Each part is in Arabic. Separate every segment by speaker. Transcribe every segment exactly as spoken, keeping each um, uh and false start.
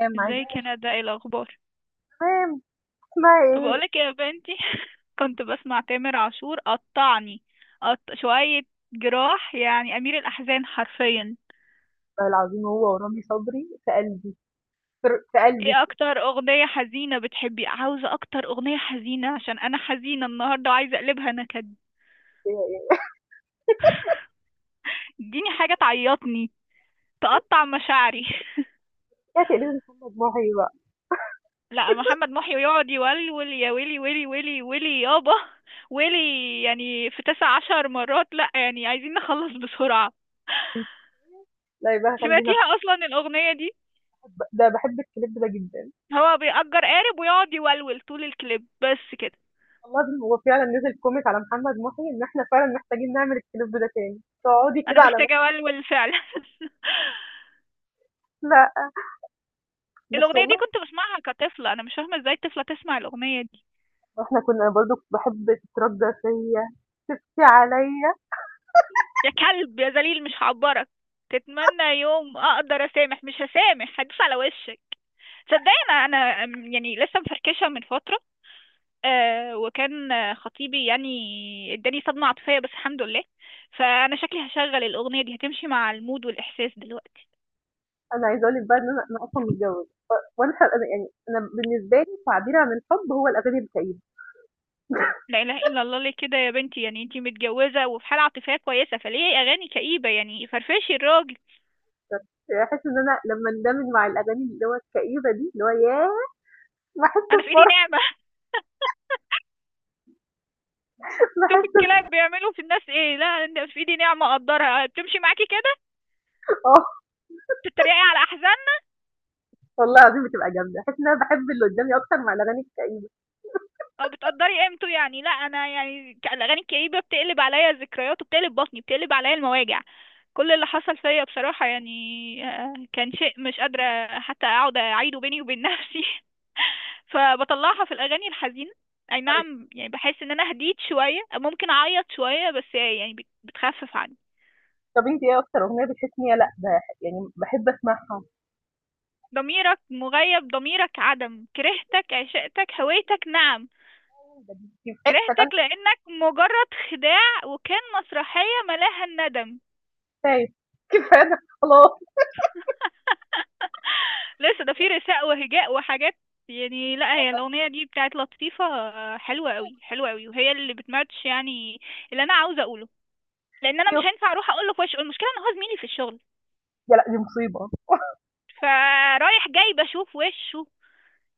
Speaker 1: تمام. عايزة
Speaker 2: ازيك يا ندى؟ ايه الاخبار؟
Speaker 1: تمام. اسمها إيه؟
Speaker 2: بقولك يا بنتي، كنت بسمع تامر عاشور، قطعني. قط... شوية جراح، يعني امير الاحزان حرفيا.
Speaker 1: والله العظيم هو ورامي صبري في قلبي. فر- في قلبي
Speaker 2: ايه
Speaker 1: كده
Speaker 2: اكتر اغنية حزينة بتحبي؟ عاوزة اكتر اغنية حزينة عشان انا حزينة النهاردة وعايزة اقلبها نكد.
Speaker 1: يعني.
Speaker 2: اديني حاجة تعيطني، تقطع مشاعري.
Speaker 1: يا تقريبا محمد محي بقى.
Speaker 2: لا، محمد محي ويقعد يولول يا ويلي ويلي ويلي ويلي يابا ويلي، يعني في تسعة عشر مرة. لا يعني عايزين نخلص بسرعة.
Speaker 1: لا يبقى خلينا.
Speaker 2: سمعتيها اصلا الاغنيه دي؟
Speaker 1: أحب- ده بحب الكليب ده جدا.
Speaker 2: هو بيأجر قارب ويقعد يولول طول الكليب بس كده.
Speaker 1: والله العظيم هو فعلا نزل كوميك على محمد محي ان احنا فعلا محتاجين نعمل الكليب ده تاني تقعدي
Speaker 2: انا
Speaker 1: كده على
Speaker 2: محتاجه
Speaker 1: نفس-.
Speaker 2: اولول فعلا.
Speaker 1: لا بس
Speaker 2: الاغنيه دي
Speaker 1: والله
Speaker 2: كنت بسمعها كطفله، انا مش فاهمه ازاي طفله تسمع الاغنيه دي.
Speaker 1: احنا كنا برضو كنت بحب تتردى فيا، تبكي عليا.
Speaker 2: يا كلب يا ذليل مش هعبرك، تتمنى يوم اقدر اسامح، مش هسامح، هدوس على وشك. صدقني انا انا أم، يعني لسه مفركشه من فتره. آه، وكان آه، خطيبي يعني. اداني صدمه عاطفيه بس الحمد لله. فانا شكلي هشغل الاغنيه دي، هتمشي مع المود والاحساس دلوقتي.
Speaker 1: انا عايزه اقول لك بقى ان انا أنا اصلا متجوزه. ف- وانا ح- أنا- يعني انا بالنسبه لي تعبيري عن الحب هو الاغاني الكئيبه.
Speaker 2: لا اله الا الله، ليه كده يا بنتي؟ يعني انتي متجوزه وفي حاله عاطفيه كويسه، فليه اغاني كئيبه؟ يعني فرفشي الراجل.
Speaker 1: أكتر، باحس إن أنا لمّا اندمج مع الأغاني اللي هو الكئيبة دي، اللي هو ياه! باحس
Speaker 2: انا في ايدي
Speaker 1: بفرح.
Speaker 2: نعمه. شوفي
Speaker 1: باحس
Speaker 2: الكلاب
Speaker 1: ب
Speaker 2: بيعملوا في الناس ايه. لا، انت في ايدي نعمه، اقدرها، بتمشي معاكي كده،
Speaker 1: آه،
Speaker 2: بتتريقي على احزان.
Speaker 1: والله العظيم بتبقى جامدة، باحس إن أنا باحب اللي قدامي أكتر مع الأغاني الكئيبة.
Speaker 2: اه، بتقدري قيمته يعني. لا انا يعني ك- الاغاني الكئيبه بتقلب عليا ذكريات وبتقلب بطني، بتقلب عليا المواجع. كل اللي حصل فيا بصراحه يعني، آه، كان شيء مش قادره حتى اقعد اعيده بيني وبين نفسي. فبطلعها في الاغاني الحزينه. اي نعم، يعني بحس ان انا هديت شويه، ممكن اعيط شويه، بس يعني بت- بتخفف عني.
Speaker 1: طَب أنتِ إيه أكتر أغنية بتحسي إن هي، لأ ده يعني باحب أسمعها،
Speaker 2: ضميرك مغيب، ضميرك عدم، كرهتك، عشقتك، هويتك، نعم،
Speaker 1: ده دي.
Speaker 2: كرهتك لأنك مجرد خداع، وكان مسرحية ملاها الندم.
Speaker 1: كفاية، كفاية ده خلاص.
Speaker 2: لسه ده في رثاء وهجاء وحاجات. يعني لا، هي
Speaker 1: والله
Speaker 2: الأغنية دي بتاعت لطيفة، آه، حلوة قوي حلوة قوي، وهي اللي بتماتش يعني اللي أنا عاوزة أقوله. لأن أنا مش
Speaker 1: كفاية.
Speaker 2: هينفع أروح أقول له في وشه، المشكلة إن هو زميلي في الشغل،
Speaker 1: يا لأ دي مصيبة،
Speaker 2: فرايح جاي بشوف وشه،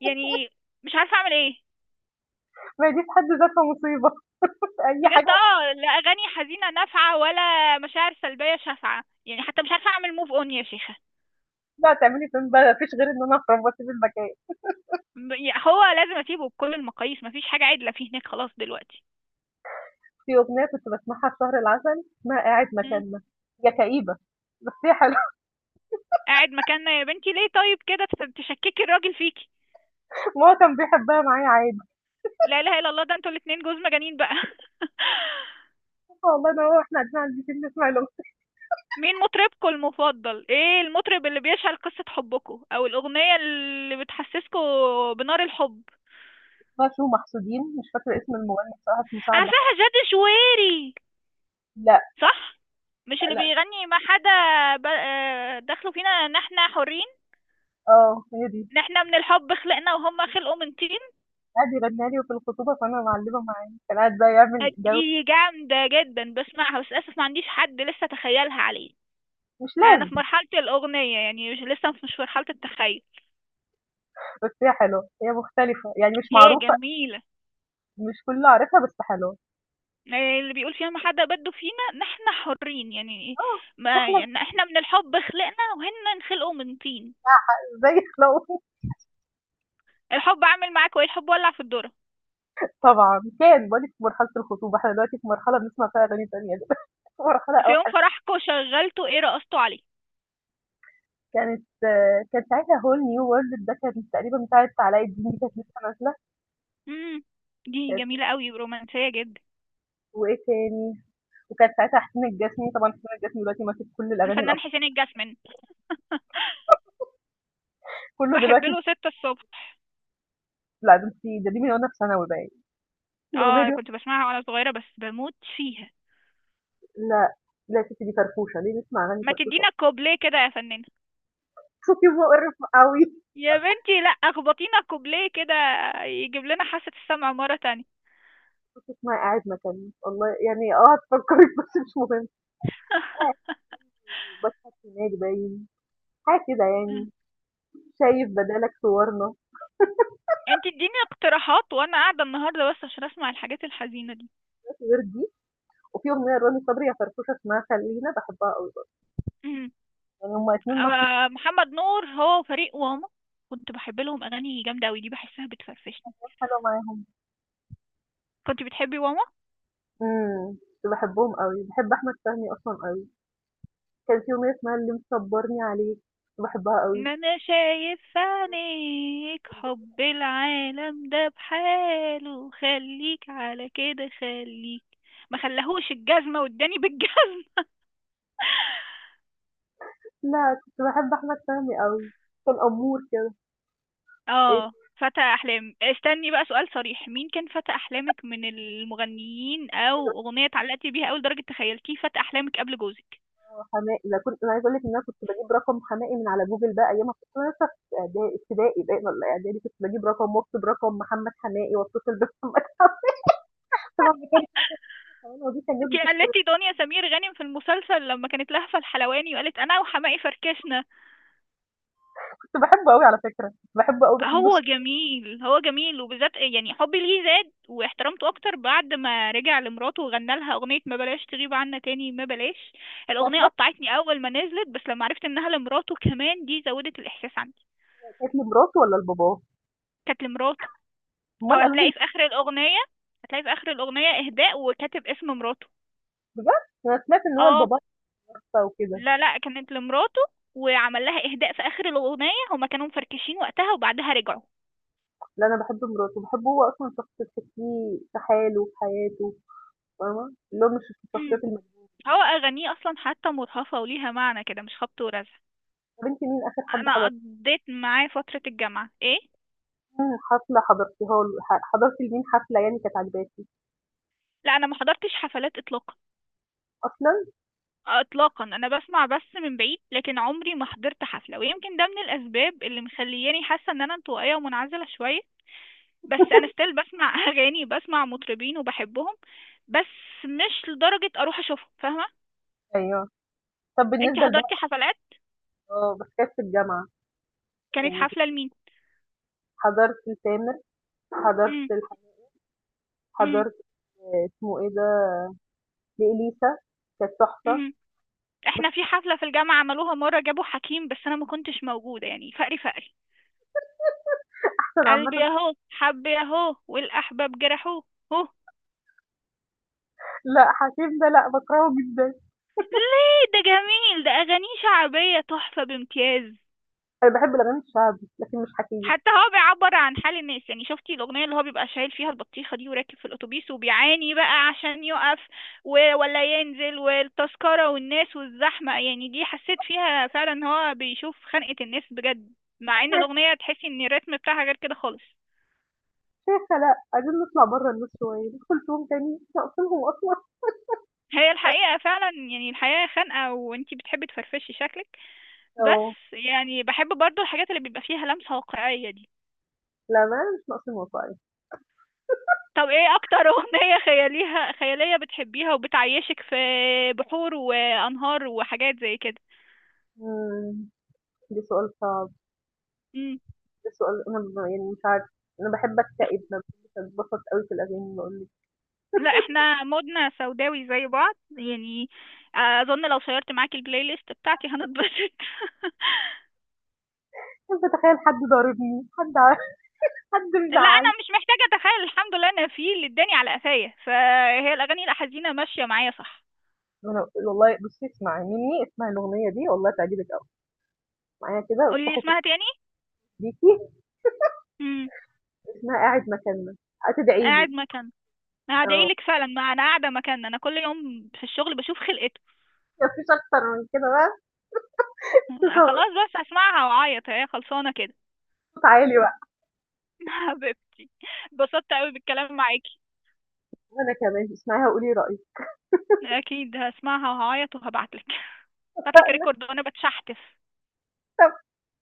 Speaker 2: يعني مش عارفة أعمل إيه.
Speaker 1: ما هي دي في حد ذاتها مصيبة. أي حاجة.
Speaker 2: بجد اه، لا أغاني حزينة نافعة ولا مشاعر سلبية شافعة، يعني حتى مش عارفة أعمل موف أون يا شيخة.
Speaker 1: هتطلعي تعملي فين بقى؟ ما فيش غير إن أنا أخرب وأسيب المكان.
Speaker 2: ب- يعني هو لازم أسيبه بكل المقاييس، مفيش حاجة عدلة فيه هناك خلاص دلوقتي.
Speaker 1: في أغنية كنت باسمعها في شهر العسل اسمها قاعد مكاننا، هي كئيبة بس هي حلوة.
Speaker 2: قاعد مكاننا؟ يا بنتي ليه؟ طيب كده تف- تشككي الراجل فيكي.
Speaker 1: وهو كان بيحبها معايا عادي،
Speaker 2: لا اله الا الله، ده انتوا الاتنين جوز مجانين بقى.
Speaker 1: والله أنا وهو وإحنا قاعدين عند البيت نسمع الأغنية
Speaker 2: مين مطربكم المفضل؟ ايه المطرب اللي بيشعل قصة حبكم او الاغنية اللي بتحسسكم بنار الحب؟
Speaker 1: بتاعة شو محسودين. مش فاكرة اسم المغني بصراحة، اسمه سعد حسن.
Speaker 2: عارفاها جاد شويري،
Speaker 1: لأ.
Speaker 2: صح؟ مش اللي
Speaker 1: لأ.
Speaker 2: بيغني ما حدا؟ ب- آه، دخلوا فينا ان احنا حرين،
Speaker 1: آه هي دي.
Speaker 2: ان احنا من الحب خلقنا وهم خلقوا من طين.
Speaker 1: قعد يغنيها لي وفي الخطوبة فأنا معلمة معاه، كان قاعد بقى يعمل جو.
Speaker 2: دي جامدة جدا، بسمعها بس للأسف ما عنديش حد لسه تخيلها عليه.
Speaker 1: مش
Speaker 2: انا في
Speaker 1: لازم،
Speaker 2: مرحلة الاغنية، يعني مش لسه، مش في مرحلة التخيل.
Speaker 1: بس هي حلوة، هي مختلفة، يعني مش
Speaker 2: هي
Speaker 1: معروفة،
Speaker 2: جميلة.
Speaker 1: مش كله عارفها بس حلوة.
Speaker 2: يعني اللي بيقول فيها ما حدا بده فينا نحن حرين، يعني
Speaker 1: آه،
Speaker 2: ما
Speaker 1: إحنا
Speaker 2: يعني احنا من الحب خلقنا وهن نخلقوا من طين.
Speaker 1: زي خلاوة.
Speaker 2: الحب عامل معاك وايه، الحب ولع في الدرة.
Speaker 1: طبعًا كان باقول لِك في مرحلة الخطوبة، إحنا دلوقتي في مرحلة بنسمع فيها أغاني تانية دلوقتي مرحلة
Speaker 2: في يوم
Speaker 1: أوحش.
Speaker 2: فرحكوا شغلتوا ايه؟ رقصتوا عليه؟
Speaker 1: كانت، كان ساعتها whole new world ده كان تقريبًا بتاعة علاء الدين دي كانت لسه نازلة.
Speaker 2: امم، دي
Speaker 1: كانت،
Speaker 2: جميلة قوي ورومانسية جدا.
Speaker 1: وإيه تاني، وكان ساعتها حسين الجسمي، طبعًا حسين الجسمي دلوقتي ماسك كل الأغاني
Speaker 2: الفنان
Speaker 1: الأصلًا،
Speaker 2: حسين الجسمي،
Speaker 1: كله
Speaker 2: بحب
Speaker 1: دلوقتي.
Speaker 2: له ستة الصبح.
Speaker 1: لأ ده أنتِ، ده دي من وأنا في ثانوي باين، الأغنية
Speaker 2: اه،
Speaker 1: دي.
Speaker 2: كنت بسمعها وانا صغيرة بس بموت فيها.
Speaker 1: لأ، لأ يا ستي دي فرفوشة، ليه نسمع أغاني
Speaker 2: ما
Speaker 1: فرفوشة،
Speaker 2: تدينا كوبليه كده يا فنان.
Speaker 1: صوتي مقرف أوي.
Speaker 2: يا بنتي لا، اخبطينا كوبليه كده يجيب لنا حاسة السمع مرة تانية.
Speaker 1: صوتك ما قاعد مكانه، والله يعني آه هتفكرِك بس مش مهم. باسمة سماج باين، حاجة كده يعني، شايف بدالك صورنا.
Speaker 2: انت اديني اقتراحات وانا قاعدة النهاردة بس عشان اسمع الحاجات الحزينة دي.
Speaker 1: مفيش غير دي. وفي أغنية لرامي صبري يا فرفوشة اسمها خلينا باحبها أوي برضه،
Speaker 2: أمم.
Speaker 1: يعني هُم الاتنين ماشيين،
Speaker 2: آه، محمد نور، هو فريق واما. كنت بحب لهم اغاني جامدة اوي، دي بحسها بتفرفشني.
Speaker 1: حلو معاهم.
Speaker 2: كنت بتحبي واما؟
Speaker 1: إمم، كنت باحبهم أوي، باحب أحمد فهمي أصلًا أوي، كان في أغنية اسمها اللي مصبرني عليك، كنت باحبها أوي.
Speaker 2: ان انا شايف في عينيك حب العالم ده بحاله، خليك على كده خليك. ما خلاهوش الجزمة، واداني بالجزمة.
Speaker 1: لأ، كنت باحب أحمد فهمي أوي، كان أمور كده. إيه
Speaker 2: اه، فتى احلام. استني بقى، سؤال صريح، مين كان فتى احلامك من المغنيين، او اغنيه اتعلقتي بيها قوي لدرجه تخيلتيه فتى احلامك قبل جوزك؟
Speaker 1: حماقي، ده كنت أنا عايزة أقول لِك إن أنا كنت باجيب رقم حماقي من على جوجل بقى أيامها. كنت أنا لسه في إعدا ابتدائي باين والّا إعدادي، كنت باجيب رقم وأكتب رقم محمد حماقي وأتصل بمحمد حماقي. طبعًا ما كانش الحلاوة دي كان لازم
Speaker 2: انتي
Speaker 1: تشترك.
Speaker 2: قلتي دنيا سمير غانم في المسلسل لما كانت لهفة الحلواني، وقالت انا وحماقي فركشنا.
Speaker 1: كنت باحبه أوي على فكرة، كنت باحبه أوي، باحب
Speaker 2: هو
Speaker 1: الصوت.
Speaker 2: جميل، هو جميل، وبالذات يعني حبي ليه زاد واحترامته اكتر بعد ما رجع لمراته وغنى لها اغنية ما بلاش تغيب عنا تاني ما بلاش.
Speaker 1: أنا
Speaker 2: الاغنية
Speaker 1: سمعت،
Speaker 2: قطعتني اول ما نزلت، بس لما عرفت انها لمراته كمان دي زودت الاحساس عندي.
Speaker 1: كانت لمراته والّا لباباه؟
Speaker 2: كانت لمراته. هو
Speaker 1: أمال قالوا لي.
Speaker 2: هتلاقي في اخر الاغنيه، هتلاقي في اخر الاغنيه اهداء وكاتب اسم مراته.
Speaker 1: بجد؟ أنا سمعت إن هو
Speaker 2: اه.
Speaker 1: لباباه توفى وكده.
Speaker 2: لا لا، كانت لمراته، وعمل لها اهداء في اخر الاغنيه، هما كانوا مفركشين وقتها وبعدها رجعوا.
Speaker 1: لا أنا باحب مراته، باحبه هو أصلًا شخص تحسّيه في حاله، في حياته، فاهمة؟ اللي هو مش الشخصيات
Speaker 2: أمم.
Speaker 1: المج.
Speaker 2: هو اغانيه اصلا حتى مرهفه وليها معنى كده، مش خبط ورزع.
Speaker 1: طَب أنتِ مين آخر حد
Speaker 2: انا
Speaker 1: حضرتِ؟
Speaker 2: قضيت معاه فتره الجامعه ايه.
Speaker 1: مين حفلة حضرتيها؟ له ح حضرتِ لمين حفلة يعني كانت عاجباكِ؟
Speaker 2: لا انا ما حضرتش حفلات اطلاقا.
Speaker 1: أصلًا؟
Speaker 2: اطلاقا، انا بسمع بس من بعيد، لكن عمري ما حضرت حفله، ويمكن ده من الاسباب اللي مخلياني حاسه ان انا انطوائيه ومنعزله شويه. بس انا ستيل بسمع اغاني، بسمع مطربين وبحبهم، بس مش لدرجة اروح اشوفهم، فاهمة؟
Speaker 1: أيوه. طَب
Speaker 2: انتي
Speaker 1: بالنسبة لبقى.
Speaker 2: حضرتي حفلات؟
Speaker 1: آه، بس كانت في الجامعة،
Speaker 2: كانت
Speaker 1: يعني
Speaker 2: حفلة لمين؟
Speaker 1: حضرت لتامر، حضرت
Speaker 2: مم،
Speaker 1: لح
Speaker 2: مم،
Speaker 1: حضرت آه، اسمه إيه ده، لإليسا، كانت تحفة.
Speaker 2: مم. احنا في
Speaker 1: بس
Speaker 2: حفلة في الجامعة عملوها مرة، جابوا حكيم، بس انا ما كنتش موجودة، يعني فقري فقري.
Speaker 1: أحسن
Speaker 2: قلبي
Speaker 1: عامةً.
Speaker 2: اهو، حبي اهو، والاحباب جرحوه. هو
Speaker 1: لأ، حكيم ده لأ، باكرهه جدًا.
Speaker 2: ليه؟ ده جميل، ده اغانيه شعبية تحفة بامتياز.
Speaker 1: أنا باحب الأغاني الشعبي، لكن مش حكيم.
Speaker 2: حتى هو بيعبر عن حال الناس، يعني شفتي الأغنية اللي هو بيبقى شايل فيها البطيخة دي وراكب في الأتوبيس وبيعاني بقى عشان يقف، و- ولا ينزل، والتذكرة والناس والزحمة، يعني دي حسيت فيها فعلا إن هو بيشوف خنقة الناس بجد، مع إن الأغنية تحسي إن الريتم بتاعها غير كده خالص.
Speaker 1: شيخة لأ، عايزين نطلع برّه النور شوية، ندخل فيهم تاني، مش ناقصينهم أصلًا.
Speaker 2: هي الحقيقة فعلا، يعني الحياة خانقة وانتي بتحبي تفرفشي شكلك،
Speaker 1: آه،
Speaker 2: بس يعني بحب برضو الحاجات اللي بيبقى فيها لمسة واقعية دي.
Speaker 1: للأمانة مش ناقصين وصاية.
Speaker 2: طب ايه اكتر اغنية خياليها خيالية بتحبيها وبتعيشك في بحور وانهار وحاجات زي كده؟
Speaker 1: إمم، ده سؤال صعب،
Speaker 2: مم.
Speaker 1: ده سؤال أنا ب يعني مش عارفة، أنا باحب
Speaker 2: اخ-
Speaker 1: أكتئب، ما باحبش أتبسط أوي في الأغاني باقول لِك.
Speaker 2: لا احنا مودنا سوداوي زي بعض يعني، اظن لو شيرت معاكي البلاي ليست بتاعتي هنتبسط.
Speaker 1: باحب أتخيل حد ضاربني، حد ع حد
Speaker 2: لا انا
Speaker 1: مزعّلني.
Speaker 2: مش محتاجة اتخيل، الحمد لله انا في اللي اداني على قفايا، فهي الاغاني الحزينة ماشية معايا، صح.
Speaker 1: ما أنا والله بُصّي اسمعي مني، اسمعي الأغنية دي والله تعجبِك أوي، اسمعيها كده
Speaker 2: قولي لي
Speaker 1: وافتحي صوتِك
Speaker 2: اسمها تاني.
Speaker 1: بيكِ.
Speaker 2: امم.
Speaker 1: اسمها قاعد مكاننا، هتدعي
Speaker 2: قاعد
Speaker 1: لي.
Speaker 2: مكان،
Speaker 1: آه،
Speaker 2: هدعيلك فعلا، ما انا قاعدة مكان، انا كل يوم في الشغل بشوف خلقتكم.
Speaker 1: ما فيش أكتر من كده بقى،
Speaker 2: خلاص
Speaker 1: صوت
Speaker 2: بس هسمعها وأعيط، هي خلصانة كده.
Speaker 1: عالي بقى.
Speaker 2: حبيبتي، اتبسطت أوي بالكلام معاكي.
Speaker 1: وأنا كمان، اسمعيها وقولي رأيِك.
Speaker 2: أكيد هسمعها وهعيط وهبعتلك، هبعتلك ريكورد وأنا بتشحتف.
Speaker 1: طب